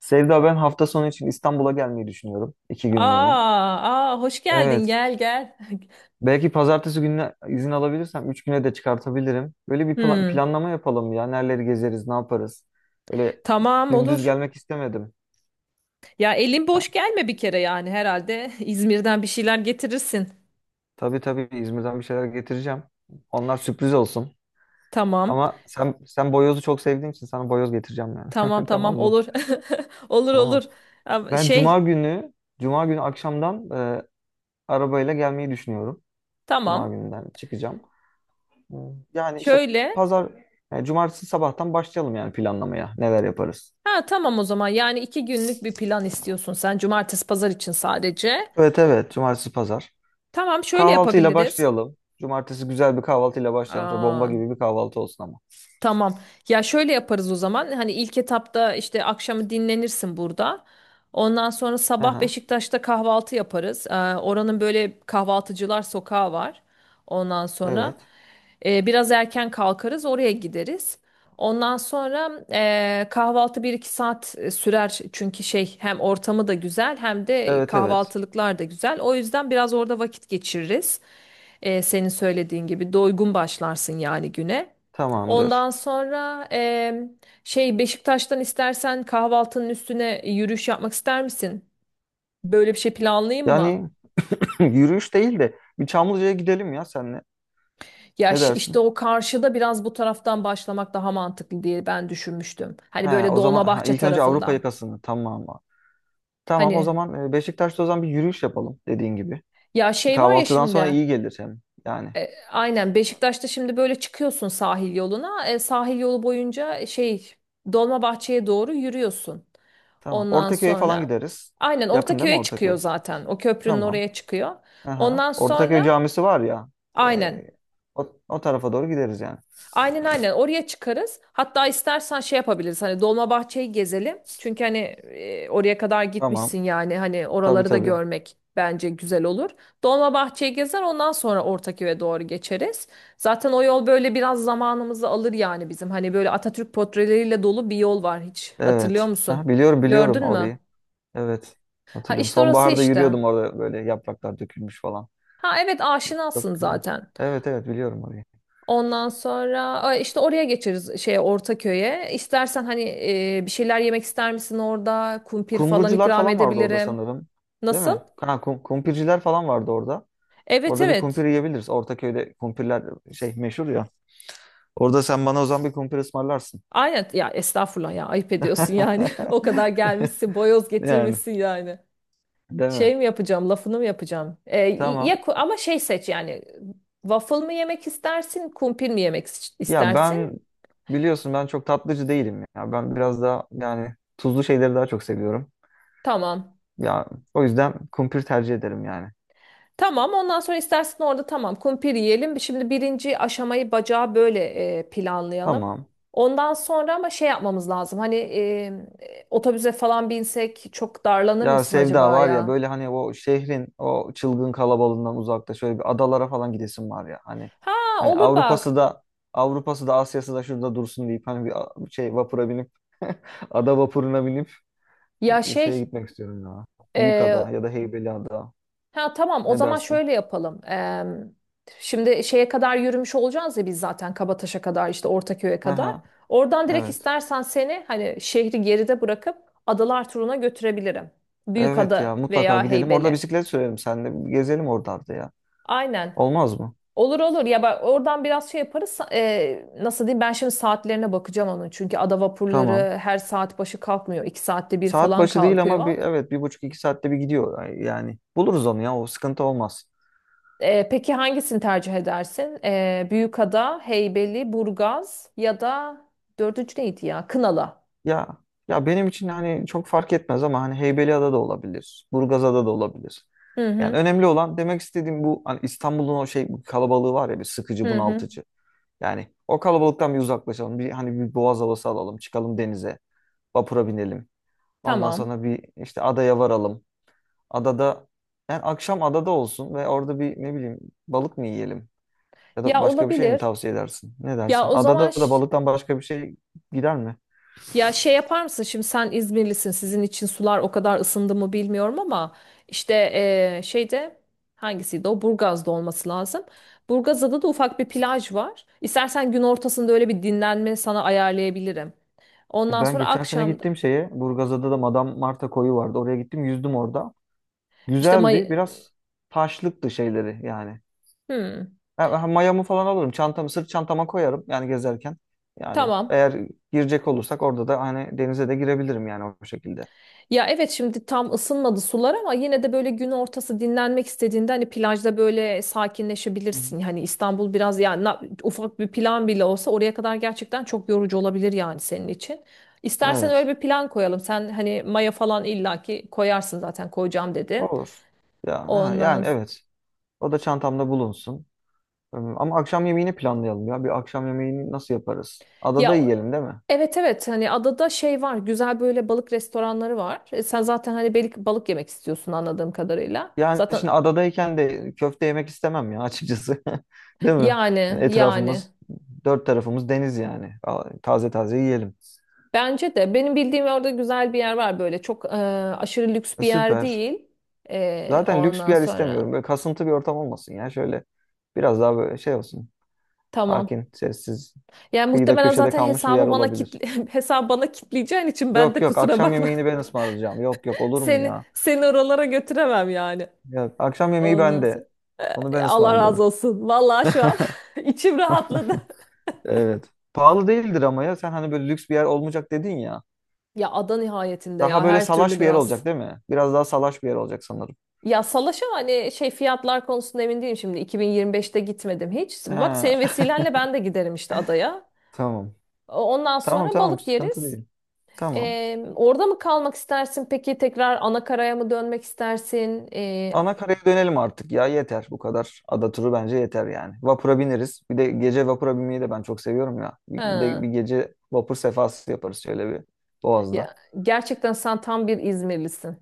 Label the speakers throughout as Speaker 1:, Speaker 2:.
Speaker 1: Sevda, ben hafta sonu için İstanbul'a gelmeyi düşünüyorum. 2 günlüğüne.
Speaker 2: Aa, aa, hoş geldin,
Speaker 1: Evet.
Speaker 2: gel gel.
Speaker 1: Belki pazartesi gününe izin alabilirsem 3 güne de çıkartabilirim. Böyle bir
Speaker 2: Hmm,
Speaker 1: planlama yapalım ya. Nereleri gezeriz, ne yaparız? Böyle
Speaker 2: tamam,
Speaker 1: dümdüz
Speaker 2: olur.
Speaker 1: gelmek istemedim.
Speaker 2: Ya elin
Speaker 1: Ha,
Speaker 2: boş gelme bir kere yani herhalde, İzmir'den bir şeyler getirirsin.
Speaker 1: tabii tabii İzmir'den bir şeyler getireceğim. Onlar sürpriz olsun.
Speaker 2: Tamam,
Speaker 1: Ama sen boyozu çok sevdiğin için sana boyoz getireceğim yani.
Speaker 2: tamam
Speaker 1: Tamam
Speaker 2: tamam
Speaker 1: mı?
Speaker 2: olur. Olur olur.
Speaker 1: Tamam.
Speaker 2: Ama
Speaker 1: Ben cuma
Speaker 2: şey
Speaker 1: günü cuma günü akşamdan e, arabayla gelmeyi düşünüyorum. Cuma
Speaker 2: tamam
Speaker 1: gününden çıkacağım. Yani işte
Speaker 2: şöyle,
Speaker 1: pazar, yani cumartesi sabahtan başlayalım yani planlamaya. Neler yaparız?
Speaker 2: ha tamam o zaman, yani iki günlük bir plan istiyorsun sen, cumartesi pazar için sadece.
Speaker 1: Evet evet, cumartesi pazar.
Speaker 2: Tamam, şöyle
Speaker 1: Kahvaltıyla
Speaker 2: yapabiliriz.
Speaker 1: başlayalım. Cumartesi güzel bir kahvaltıyla başlayalım. Çok bomba
Speaker 2: Aa,
Speaker 1: gibi bir kahvaltı olsun ama.
Speaker 2: tamam. Ya şöyle yaparız o zaman. Hani ilk etapta işte akşamı dinlenirsin burada. Ondan sonra sabah
Speaker 1: Aha,
Speaker 2: Beşiktaş'ta kahvaltı yaparız. Oranın böyle kahvaltıcılar sokağı var. Ondan sonra
Speaker 1: evet.
Speaker 2: biraz erken kalkarız, oraya gideriz. Ondan sonra kahvaltı bir iki saat sürer, çünkü şey, hem ortamı da güzel hem de
Speaker 1: Evet evet.
Speaker 2: kahvaltılıklar da güzel. O yüzden biraz orada vakit geçiririz. Senin söylediğin gibi doygun başlarsın yani güne. Ondan
Speaker 1: Tamamdır.
Speaker 2: sonra şey, Beşiktaş'tan istersen kahvaltının üstüne yürüyüş yapmak ister misin? Böyle bir şey planlayayım mı?
Speaker 1: Yani yürüyüş değil de bir Çamlıca'ya gidelim ya senle.
Speaker 2: Ya
Speaker 1: Ne
Speaker 2: işte
Speaker 1: dersin?
Speaker 2: o karşıda, biraz bu taraftan başlamak daha mantıklı diye ben düşünmüştüm.
Speaker 1: He,
Speaker 2: Hani böyle
Speaker 1: o zaman ha,
Speaker 2: Dolmabahçe
Speaker 1: ilk önce Avrupa
Speaker 2: tarafından.
Speaker 1: yakasını. Tamam. Tamam o
Speaker 2: Hani
Speaker 1: zaman Beşiktaş'ta o zaman bir yürüyüş yapalım dediğin gibi.
Speaker 2: ya şey var ya,
Speaker 1: Kahvaltıdan sonra
Speaker 2: şimdi
Speaker 1: iyi gelir hem yani.
Speaker 2: aynen Beşiktaş'ta şimdi böyle çıkıyorsun sahil yoluna. Sahil yolu boyunca şey, Dolmabahçe'ye doğru yürüyorsun.
Speaker 1: Tamam.
Speaker 2: Ondan
Speaker 1: Ortaköy'e falan
Speaker 2: sonra
Speaker 1: gideriz.
Speaker 2: aynen
Speaker 1: Yakın değil mi
Speaker 2: Ortaköy'e çıkıyor
Speaker 1: Ortaköy?
Speaker 2: zaten. O köprünün
Speaker 1: Tamam.
Speaker 2: oraya çıkıyor.
Speaker 1: Aha.
Speaker 2: Ondan
Speaker 1: Ortaköy
Speaker 2: sonra
Speaker 1: camisi var ya.
Speaker 2: aynen.
Speaker 1: ee, o tarafa doğru gideriz yani.
Speaker 2: Aynen aynen, oraya çıkarız. Hatta istersen şey yapabiliriz. Hani Dolmabahçe'yi gezelim. Çünkü hani oraya kadar
Speaker 1: Tamam.
Speaker 2: gitmişsin yani, hani
Speaker 1: Tabii
Speaker 2: oraları da
Speaker 1: tabii.
Speaker 2: görmek bence güzel olur. Dolmabahçe'yi gezer, ondan sonra Ortaköy'e doğru geçeriz. Zaten o yol böyle biraz zamanımızı alır yani bizim. Hani böyle Atatürk portreleriyle dolu bir yol var hiç. Hatırlıyor
Speaker 1: Evet.
Speaker 2: musun?
Speaker 1: Ha, biliyorum biliyorum
Speaker 2: Gördün mü?
Speaker 1: orayı. Evet.
Speaker 2: Ha,
Speaker 1: Hatırlıyorum.
Speaker 2: işte orası
Speaker 1: Sonbaharda
Speaker 2: işte.
Speaker 1: yürüyordum orada, böyle yapraklar dökülmüş falan.
Speaker 2: Ha evet,
Speaker 1: Yok.
Speaker 2: aşinasın
Speaker 1: Ha.
Speaker 2: zaten.
Speaker 1: Evet evet biliyorum orayı.
Speaker 2: Ondan sonra işte oraya geçeriz, şeye, Ortaköy'e. İstersen hani bir şeyler yemek ister misin orada? Kumpir falan
Speaker 1: Kumrucular
Speaker 2: ikram
Speaker 1: falan vardı orada
Speaker 2: edebilirim.
Speaker 1: sanırım. Değil
Speaker 2: Nasıl?
Speaker 1: mi? Ha, kumpirciler falan vardı orada.
Speaker 2: Evet
Speaker 1: Orada bir kumpir
Speaker 2: evet.
Speaker 1: yiyebiliriz. Ortaköy'de kumpirler şey meşhur ya. Orada sen bana o zaman bir kumpir ısmarlarsın.
Speaker 2: Aynen ya, estağfurullah ya, ayıp ediyorsun yani. O kadar gelmişsin, boyoz
Speaker 1: Yani,
Speaker 2: getirmişsin yani.
Speaker 1: değil mi?
Speaker 2: Şey mi yapacağım, lafını mı yapacağım?
Speaker 1: Tamam.
Speaker 2: Ya ama şey seç yani, waffle mı yemek istersin, kumpir mi yemek
Speaker 1: Ya,
Speaker 2: istersin?
Speaker 1: biliyorsun ben çok tatlıcı değilim ya. Ben biraz daha yani tuzlu şeyleri daha çok seviyorum.
Speaker 2: Tamam.
Speaker 1: Ya, o yüzden kumpir tercih ederim yani.
Speaker 2: Tamam, ondan sonra istersen orada, tamam, kumpir yiyelim. Şimdi birinci aşamayı, bacağı böyle planlayalım.
Speaker 1: Tamam.
Speaker 2: Ondan sonra ama şey yapmamız lazım. Hani otobüse falan binsek çok darlanır
Speaker 1: Ya
Speaker 2: mısın
Speaker 1: Sevda,
Speaker 2: acaba
Speaker 1: var ya
Speaker 2: ya?
Speaker 1: böyle hani o şehrin o çılgın kalabalığından uzakta şöyle bir adalara falan gidesim var ya. Hani
Speaker 2: Ha,
Speaker 1: hani
Speaker 2: olur bak.
Speaker 1: Avrupa'sı da Asya'sı da şurada dursun deyip hani bir şey vapura binip ada vapuruna binip
Speaker 2: Ya
Speaker 1: şeye
Speaker 2: şey,
Speaker 1: gitmek istiyorum ya.
Speaker 2: e,
Speaker 1: Büyükada ya da Heybeliada.
Speaker 2: ha, tamam o
Speaker 1: Ne
Speaker 2: zaman
Speaker 1: dersin?
Speaker 2: şöyle yapalım. Şimdi şeye kadar yürümüş olacağız ya biz zaten, Kabataş'a kadar, işte Ortaköy'e
Speaker 1: Hı
Speaker 2: kadar.
Speaker 1: hı.
Speaker 2: Oradan direkt
Speaker 1: Evet.
Speaker 2: istersen seni hani şehri geride bırakıp adalar turuna götürebilirim.
Speaker 1: Evet ya,
Speaker 2: Büyükada
Speaker 1: mutlaka
Speaker 2: veya
Speaker 1: gidelim. Orada
Speaker 2: Heybeli.
Speaker 1: bisiklet sürelim seninle. Bir gezelim oralarda ya.
Speaker 2: Aynen.
Speaker 1: Olmaz mı?
Speaker 2: Olur olur, ya bak oradan biraz şey yaparız. Nasıl diyeyim, ben şimdi saatlerine bakacağım onun. Çünkü ada
Speaker 1: Tamam.
Speaker 2: vapurları her saat başı kalkmıyor. İki saatte bir
Speaker 1: Saat
Speaker 2: falan
Speaker 1: başı değil ama
Speaker 2: kalkıyor.
Speaker 1: bir, evet, bir buçuk 2 saatte bir gidiyor yani. Buluruz onu ya, o sıkıntı olmaz.
Speaker 2: Peki hangisini tercih edersin? Büyükada, Heybeli, Burgaz, ya da dördüncü neydi ya? Kınalı.
Speaker 1: Ya, ya benim için hani çok fark etmez ama hani Heybeliada da olabilir. Burgazada da olabilir.
Speaker 2: Hı
Speaker 1: Yani
Speaker 2: hı.
Speaker 1: önemli olan, demek istediğim bu, hani İstanbul'un o şey bu kalabalığı var ya, bir sıkıcı
Speaker 2: Hı hı.
Speaker 1: bunaltıcı. Yani o kalabalıktan bir uzaklaşalım. Bir hani bir boğaz havası alalım. Çıkalım denize. Vapura binelim. Ondan
Speaker 2: Tamam.
Speaker 1: sonra bir işte adaya varalım. Adada yani akşam adada olsun ve orada bir, ne bileyim, balık mı yiyelim? Ya da
Speaker 2: Ya
Speaker 1: başka bir şey mi
Speaker 2: olabilir.
Speaker 1: tavsiye edersin? Ne
Speaker 2: Ya
Speaker 1: dersin?
Speaker 2: o zaman
Speaker 1: Adada da balıktan başka bir şey gider mi?
Speaker 2: ya, şey yapar mısın? Şimdi sen İzmirlisin. Sizin için sular o kadar ısındı mı bilmiyorum ama, işte şeyde, hangisiydi o? Burgaz'da olması lazım. Burgaz'da da ufak bir plaj var. İstersen gün ortasında öyle bir dinlenme sana ayarlayabilirim. Ondan
Speaker 1: Ben
Speaker 2: sonra
Speaker 1: geçen sene
Speaker 2: akşam
Speaker 1: gittim şeye. Burgazada da Madame Marta koyu vardı. Oraya gittim, yüzdüm orada.
Speaker 2: işte May...
Speaker 1: Güzeldi. Biraz taşlıktı şeyleri yani.
Speaker 2: Hmm.
Speaker 1: Ha, ha, mayamı falan alırım. Çantamı sırt çantama koyarım yani gezerken. Yani
Speaker 2: Tamam.
Speaker 1: eğer girecek olursak orada da hani denize de girebilirim yani o şekilde.
Speaker 2: Ya evet, şimdi tam ısınmadı sular ama yine de böyle gün ortası dinlenmek istediğinde hani plajda böyle
Speaker 1: Hı hı.
Speaker 2: sakinleşebilirsin. Hani İstanbul biraz yani, ufak bir plan bile olsa oraya kadar gerçekten çok yorucu olabilir yani senin için. İstersen öyle
Speaker 1: Evet.
Speaker 2: bir plan koyalım. Sen hani maya falan illaki koyarsın zaten, koyacağım dedin.
Speaker 1: Olur. Ya ha,
Speaker 2: Ondan
Speaker 1: yani
Speaker 2: s-
Speaker 1: evet. O da çantamda bulunsun. Ama akşam yemeğini planlayalım ya. Bir akşam yemeğini nasıl yaparız? Adada
Speaker 2: Ya
Speaker 1: yiyelim, değil mi?
Speaker 2: evet evet, hani adada şey var, güzel böyle balık restoranları var. Sen zaten hani balık yemek istiyorsun anladığım kadarıyla.
Speaker 1: Yani
Speaker 2: Zaten
Speaker 1: şimdi adadayken de köfte yemek istemem ya, açıkçası. Değil mi?
Speaker 2: yani
Speaker 1: Yani
Speaker 2: yani.
Speaker 1: etrafımız, dört tarafımız deniz yani. Aa, taze taze yiyelim.
Speaker 2: Bence de benim bildiğim orada güzel bir yer var, böyle çok aşırı lüks bir yer
Speaker 1: Süper.
Speaker 2: değil.
Speaker 1: Zaten lüks bir
Speaker 2: Ondan
Speaker 1: yer
Speaker 2: sonra
Speaker 1: istemiyorum. Böyle kasıntı bir ortam olmasın ya. Şöyle biraz daha böyle şey olsun.
Speaker 2: tamam.
Speaker 1: Sakin, sessiz,
Speaker 2: Yani
Speaker 1: kıyıda
Speaker 2: muhtemelen
Speaker 1: köşede
Speaker 2: zaten
Speaker 1: kalmış bir yer
Speaker 2: hesabı bana
Speaker 1: olabilir.
Speaker 2: kitle, hesabı bana kitleyeceğin için ben
Speaker 1: Yok
Speaker 2: de
Speaker 1: yok,
Speaker 2: kusura
Speaker 1: akşam
Speaker 2: bakma.
Speaker 1: yemeğini ben ısmarlayacağım. Yok yok, olur mu
Speaker 2: Seni
Speaker 1: ya?
Speaker 2: seni oralara götüremem yani.
Speaker 1: Ya, akşam yemeği
Speaker 2: Ondan sonra
Speaker 1: bende. Onu ben
Speaker 2: Allah
Speaker 1: ısmarlıyorum.
Speaker 2: razı olsun. Vallahi şu an içim rahatladı.
Speaker 1: Evet. Pahalı değildir ama ya. Sen hani böyle lüks bir yer olmayacak dedin ya.
Speaker 2: Ya ada nihayetinde ya,
Speaker 1: Daha böyle
Speaker 2: her türlü
Speaker 1: salaş bir yer
Speaker 2: biraz.
Speaker 1: olacak, değil mi? Biraz daha salaş bir yer olacak sanırım.
Speaker 2: Ya Salaş'a, hani şey fiyatlar konusunda emin değilim şimdi. 2025'te gitmedim hiç. Bak,
Speaker 1: Ha,
Speaker 2: senin vesilenle ben de giderim işte adaya.
Speaker 1: tamam.
Speaker 2: Ondan
Speaker 1: Tamam
Speaker 2: sonra
Speaker 1: tamam,
Speaker 2: balık
Speaker 1: sıkıntı
Speaker 2: yeriz.
Speaker 1: değil. Tamam.
Speaker 2: Orada mı kalmak istersin, peki tekrar ana karaya mı dönmek istersin?
Speaker 1: Ana karaya dönelim artık ya, yeter bu kadar. Ada turu bence yeter yani. Vapura bineriz. Bir de gece vapura binmeyi de ben çok seviyorum ya. Bir de bir
Speaker 2: Ha,
Speaker 1: gece vapur sefası yaparız şöyle bir Boğaz'da.
Speaker 2: ya gerçekten sen tam bir İzmirlisin.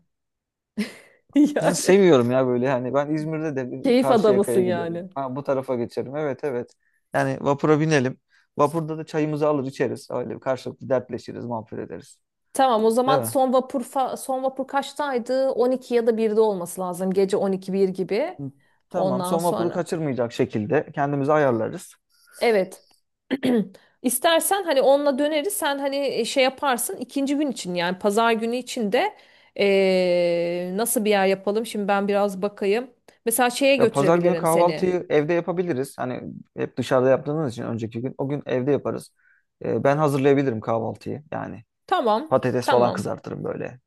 Speaker 1: Ya,
Speaker 2: Yani
Speaker 1: seviyorum ya, böyle hani ben İzmir'de de bir
Speaker 2: keyif adamısın
Speaker 1: Karşıyaka'ya giderim.
Speaker 2: yani.
Speaker 1: Ha, bu tarafa geçerim. Evet evet. Yani vapura binelim. Vapurda da çayımızı alır içeriz. Öyle karşılıklı dertleşiriz, muhabbet ederiz.
Speaker 2: Tamam, o
Speaker 1: Değil
Speaker 2: zaman
Speaker 1: mi?
Speaker 2: son vapur son vapur kaçtaydı? 12 ya da 1'de olması lazım. Gece 12 1 gibi.
Speaker 1: Hı. Tamam.
Speaker 2: Ondan
Speaker 1: Son vapuru
Speaker 2: sonra
Speaker 1: kaçırmayacak şekilde kendimizi ayarlarız.
Speaker 2: evet. İstersen hani onunla döneriz. Sen hani şey yaparsın ikinci gün için, yani pazar günü için de nasıl bir yer yapalım? Şimdi ben biraz bakayım. Mesela şeye
Speaker 1: Ya pazar günü
Speaker 2: götürebilirim seni.
Speaker 1: kahvaltıyı evde yapabiliriz. Hani hep dışarıda yaptığımız için önceki gün o gün evde yaparız. Ben hazırlayabilirim kahvaltıyı. Yani
Speaker 2: Tamam,
Speaker 1: patates falan
Speaker 2: tamam,
Speaker 1: kızartırım böyle.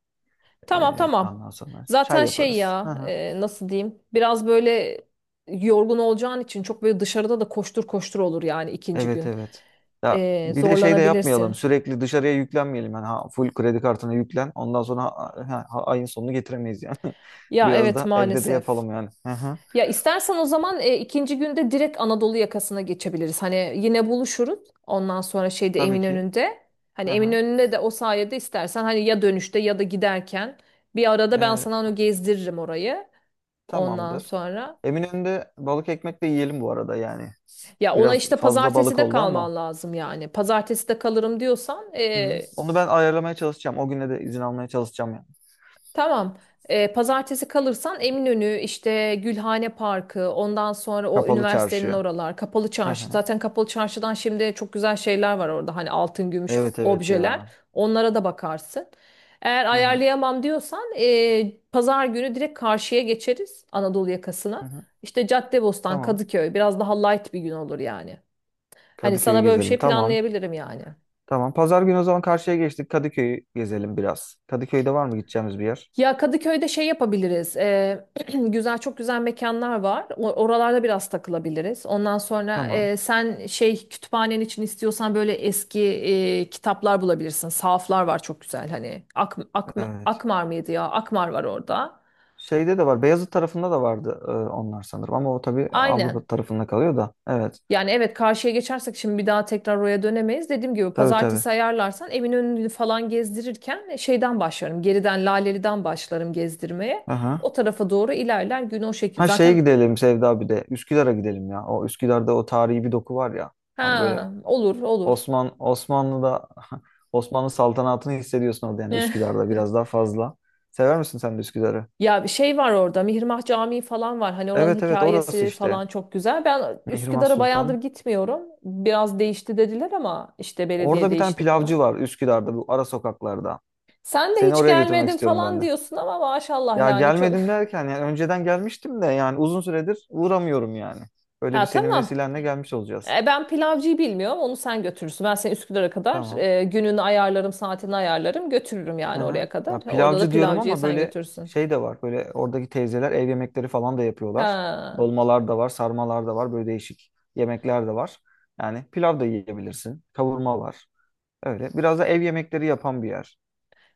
Speaker 2: tamam, tamam.
Speaker 1: Ondan sonra çay
Speaker 2: Zaten şey
Speaker 1: yaparız. Hı
Speaker 2: ya,
Speaker 1: hı.
Speaker 2: nasıl diyeyim? Biraz böyle yorgun olacağın için çok böyle dışarıda da koştur koştur olur yani ikinci
Speaker 1: Evet
Speaker 2: gün.
Speaker 1: evet. Ya bir de şey de yapmayalım.
Speaker 2: Zorlanabilirsin.
Speaker 1: Sürekli dışarıya yüklenmeyelim. Yani ha, full kredi kartına yüklen. Ondan sonra ayın sonunu getiremeyiz yani.
Speaker 2: Ya
Speaker 1: Biraz
Speaker 2: evet,
Speaker 1: da evde de
Speaker 2: maalesef.
Speaker 1: yapalım yani. Hı hı.
Speaker 2: Ya istersen o zaman ikinci günde direkt Anadolu yakasına geçebiliriz. Hani yine buluşuruz. Ondan sonra şeyde,
Speaker 1: Tabii ki.
Speaker 2: Eminönü'nde. Hani
Speaker 1: Hı hı.
Speaker 2: Eminönü'nde de, o sayede istersen hani, ya dönüşte ya da giderken bir arada ben
Speaker 1: Ee,
Speaker 2: sana onu gezdiririm, orayı. Ondan
Speaker 1: Tamamdır.
Speaker 2: sonra
Speaker 1: Eminönü'nde balık ekmek de yiyelim bu arada yani.
Speaker 2: ya ona
Speaker 1: Biraz
Speaker 2: işte
Speaker 1: fazla
Speaker 2: pazartesi
Speaker 1: balık
Speaker 2: de
Speaker 1: oldu ama.
Speaker 2: kalman lazım yani. Pazartesi de kalırım diyorsan
Speaker 1: Hı hı. Onu ben ayarlamaya çalışacağım. O güne de izin almaya çalışacağım yani.
Speaker 2: tamam. Pazartesi kalırsan Eminönü, işte Gülhane Parkı, ondan sonra o
Speaker 1: Kapalı
Speaker 2: üniversitenin
Speaker 1: Çarşıya.
Speaker 2: oralar, Kapalı
Speaker 1: Hı hı.
Speaker 2: Çarşı. Zaten Kapalı Çarşı'dan şimdi çok güzel şeyler var orada. Hani altın, gümüş
Speaker 1: Evet evet
Speaker 2: objeler.
Speaker 1: ya.
Speaker 2: Onlara da bakarsın. Eğer
Speaker 1: Hı hı.
Speaker 2: ayarlayamam diyorsan pazar günü direkt karşıya geçeriz, Anadolu
Speaker 1: Hı
Speaker 2: yakasına.
Speaker 1: hı.
Speaker 2: İşte Caddebostan,
Speaker 1: Tamam.
Speaker 2: Kadıköy, biraz daha light bir gün olur yani. Hani
Speaker 1: Kadıköy'ü
Speaker 2: sana böyle bir
Speaker 1: gezelim.
Speaker 2: şey
Speaker 1: Tamam.
Speaker 2: planlayabilirim yani.
Speaker 1: Tamam. Pazar günü o zaman karşıya geçtik. Kadıköy'ü gezelim biraz. Kadıköy'de var mı gideceğimiz bir yer?
Speaker 2: Ya Kadıköy'de şey yapabiliriz. Güzel, çok güzel mekanlar var. Oralarda biraz takılabiliriz. Ondan sonra
Speaker 1: Tamam.
Speaker 2: sen şey kütüphanen için istiyorsan böyle eski kitaplar bulabilirsin. Sahaflar var, çok güzel. Hani
Speaker 1: Evet.
Speaker 2: Akmar mıydı ya? Akmar var orada.
Speaker 1: Şeyde de var. Beyazıt tarafında da vardı, onlar sanırım. Ama o tabii Avrupa
Speaker 2: Aynen.
Speaker 1: tarafında kalıyor da. Evet.
Speaker 2: Yani evet, karşıya geçersek şimdi bir daha tekrar oraya dönemeyiz. Dediğim gibi
Speaker 1: Tabii tabii.
Speaker 2: pazartesi ayarlarsan, evin önünü falan gezdirirken şeyden başlarım. Geriden Laleli'den başlarım gezdirmeye.
Speaker 1: Aha.
Speaker 2: O tarafa doğru ilerler gün o şekil.
Speaker 1: Ha, şeye
Speaker 2: Zaten
Speaker 1: gidelim Sevda, bir de. Üsküdar'a gidelim ya. O Üsküdar'da o tarihi bir doku var ya. Hani böyle
Speaker 2: ha, olur olur.
Speaker 1: Osmanlı'da Osmanlı saltanatını hissediyorsun orada yani
Speaker 2: Ne?
Speaker 1: Üsküdar'da biraz daha fazla. Sever misin sen de Üsküdar'ı?
Speaker 2: Ya bir şey var orada, Mihrimah Camii falan var. Hani oranın
Speaker 1: Evet evet, orası
Speaker 2: hikayesi
Speaker 1: işte.
Speaker 2: falan çok güzel. Ben
Speaker 1: Mihrimah
Speaker 2: Üsküdar'a bayağıdır
Speaker 1: Sultan.
Speaker 2: gitmiyorum. Biraz değişti dediler ama, işte belediye
Speaker 1: Orada bir tane
Speaker 2: değişti falan.
Speaker 1: pilavcı var Üsküdar'da, bu ara sokaklarda.
Speaker 2: Sen de
Speaker 1: Seni
Speaker 2: hiç
Speaker 1: oraya götürmek
Speaker 2: gelmedin
Speaker 1: istiyorum ben
Speaker 2: falan
Speaker 1: de.
Speaker 2: diyorsun ama maşallah
Speaker 1: Ya
Speaker 2: yani, çok.
Speaker 1: gelmedim derken yani önceden gelmiştim de yani uzun süredir uğramıyorum yani. Böyle bir,
Speaker 2: Ha
Speaker 1: senin
Speaker 2: tamam.
Speaker 1: vesilenle gelmiş olacağız.
Speaker 2: Ben pilavcıyı bilmiyorum. Onu sen götürürsün. Ben seni Üsküdar'a kadar
Speaker 1: Tamam.
Speaker 2: gününü ayarlarım, saatini ayarlarım. Götürürüm yani
Speaker 1: Aha.
Speaker 2: oraya kadar.
Speaker 1: Ya
Speaker 2: Orada da
Speaker 1: pilavcı diyorum
Speaker 2: pilavcıyı
Speaker 1: ama
Speaker 2: sen
Speaker 1: böyle
Speaker 2: götürürsün.
Speaker 1: şey de var. Böyle oradaki teyzeler ev yemekleri falan da yapıyorlar.
Speaker 2: Ha.
Speaker 1: Dolmalar da var, sarmalar da var. Böyle değişik yemekler de var. Yani pilav da yiyebilirsin. Kavurma var. Öyle. Biraz da ev yemekleri yapan bir yer.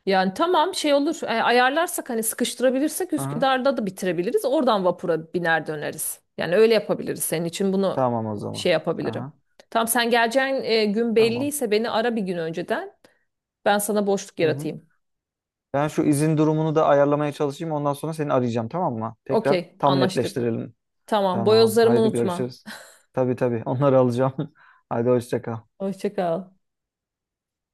Speaker 2: Yani tamam, şey olur, ayarlarsak hani, sıkıştırabilirsek
Speaker 1: Aha.
Speaker 2: Üsküdar'da da bitirebiliriz. Oradan vapura biner döneriz. Yani öyle yapabiliriz. Senin için bunu
Speaker 1: Tamam o zaman.
Speaker 2: şey yapabilirim.
Speaker 1: Aha.
Speaker 2: Tamam, sen geleceğin gün
Speaker 1: Tamam.
Speaker 2: belliyse beni ara bir gün önceden. Ben sana boşluk
Speaker 1: Hı hı.
Speaker 2: yaratayım.
Speaker 1: Ben şu izin durumunu da ayarlamaya çalışayım. Ondan sonra seni arayacağım, tamam mı? Tekrar
Speaker 2: Okey,
Speaker 1: tam
Speaker 2: anlaştık.
Speaker 1: netleştirelim.
Speaker 2: Tamam,
Speaker 1: Tamam.
Speaker 2: boyozlarımı
Speaker 1: Hadi
Speaker 2: unutma.
Speaker 1: görüşürüz. Tabii tabii. Onları alacağım. Hadi hoşça kal.
Speaker 2: Hoşça kal.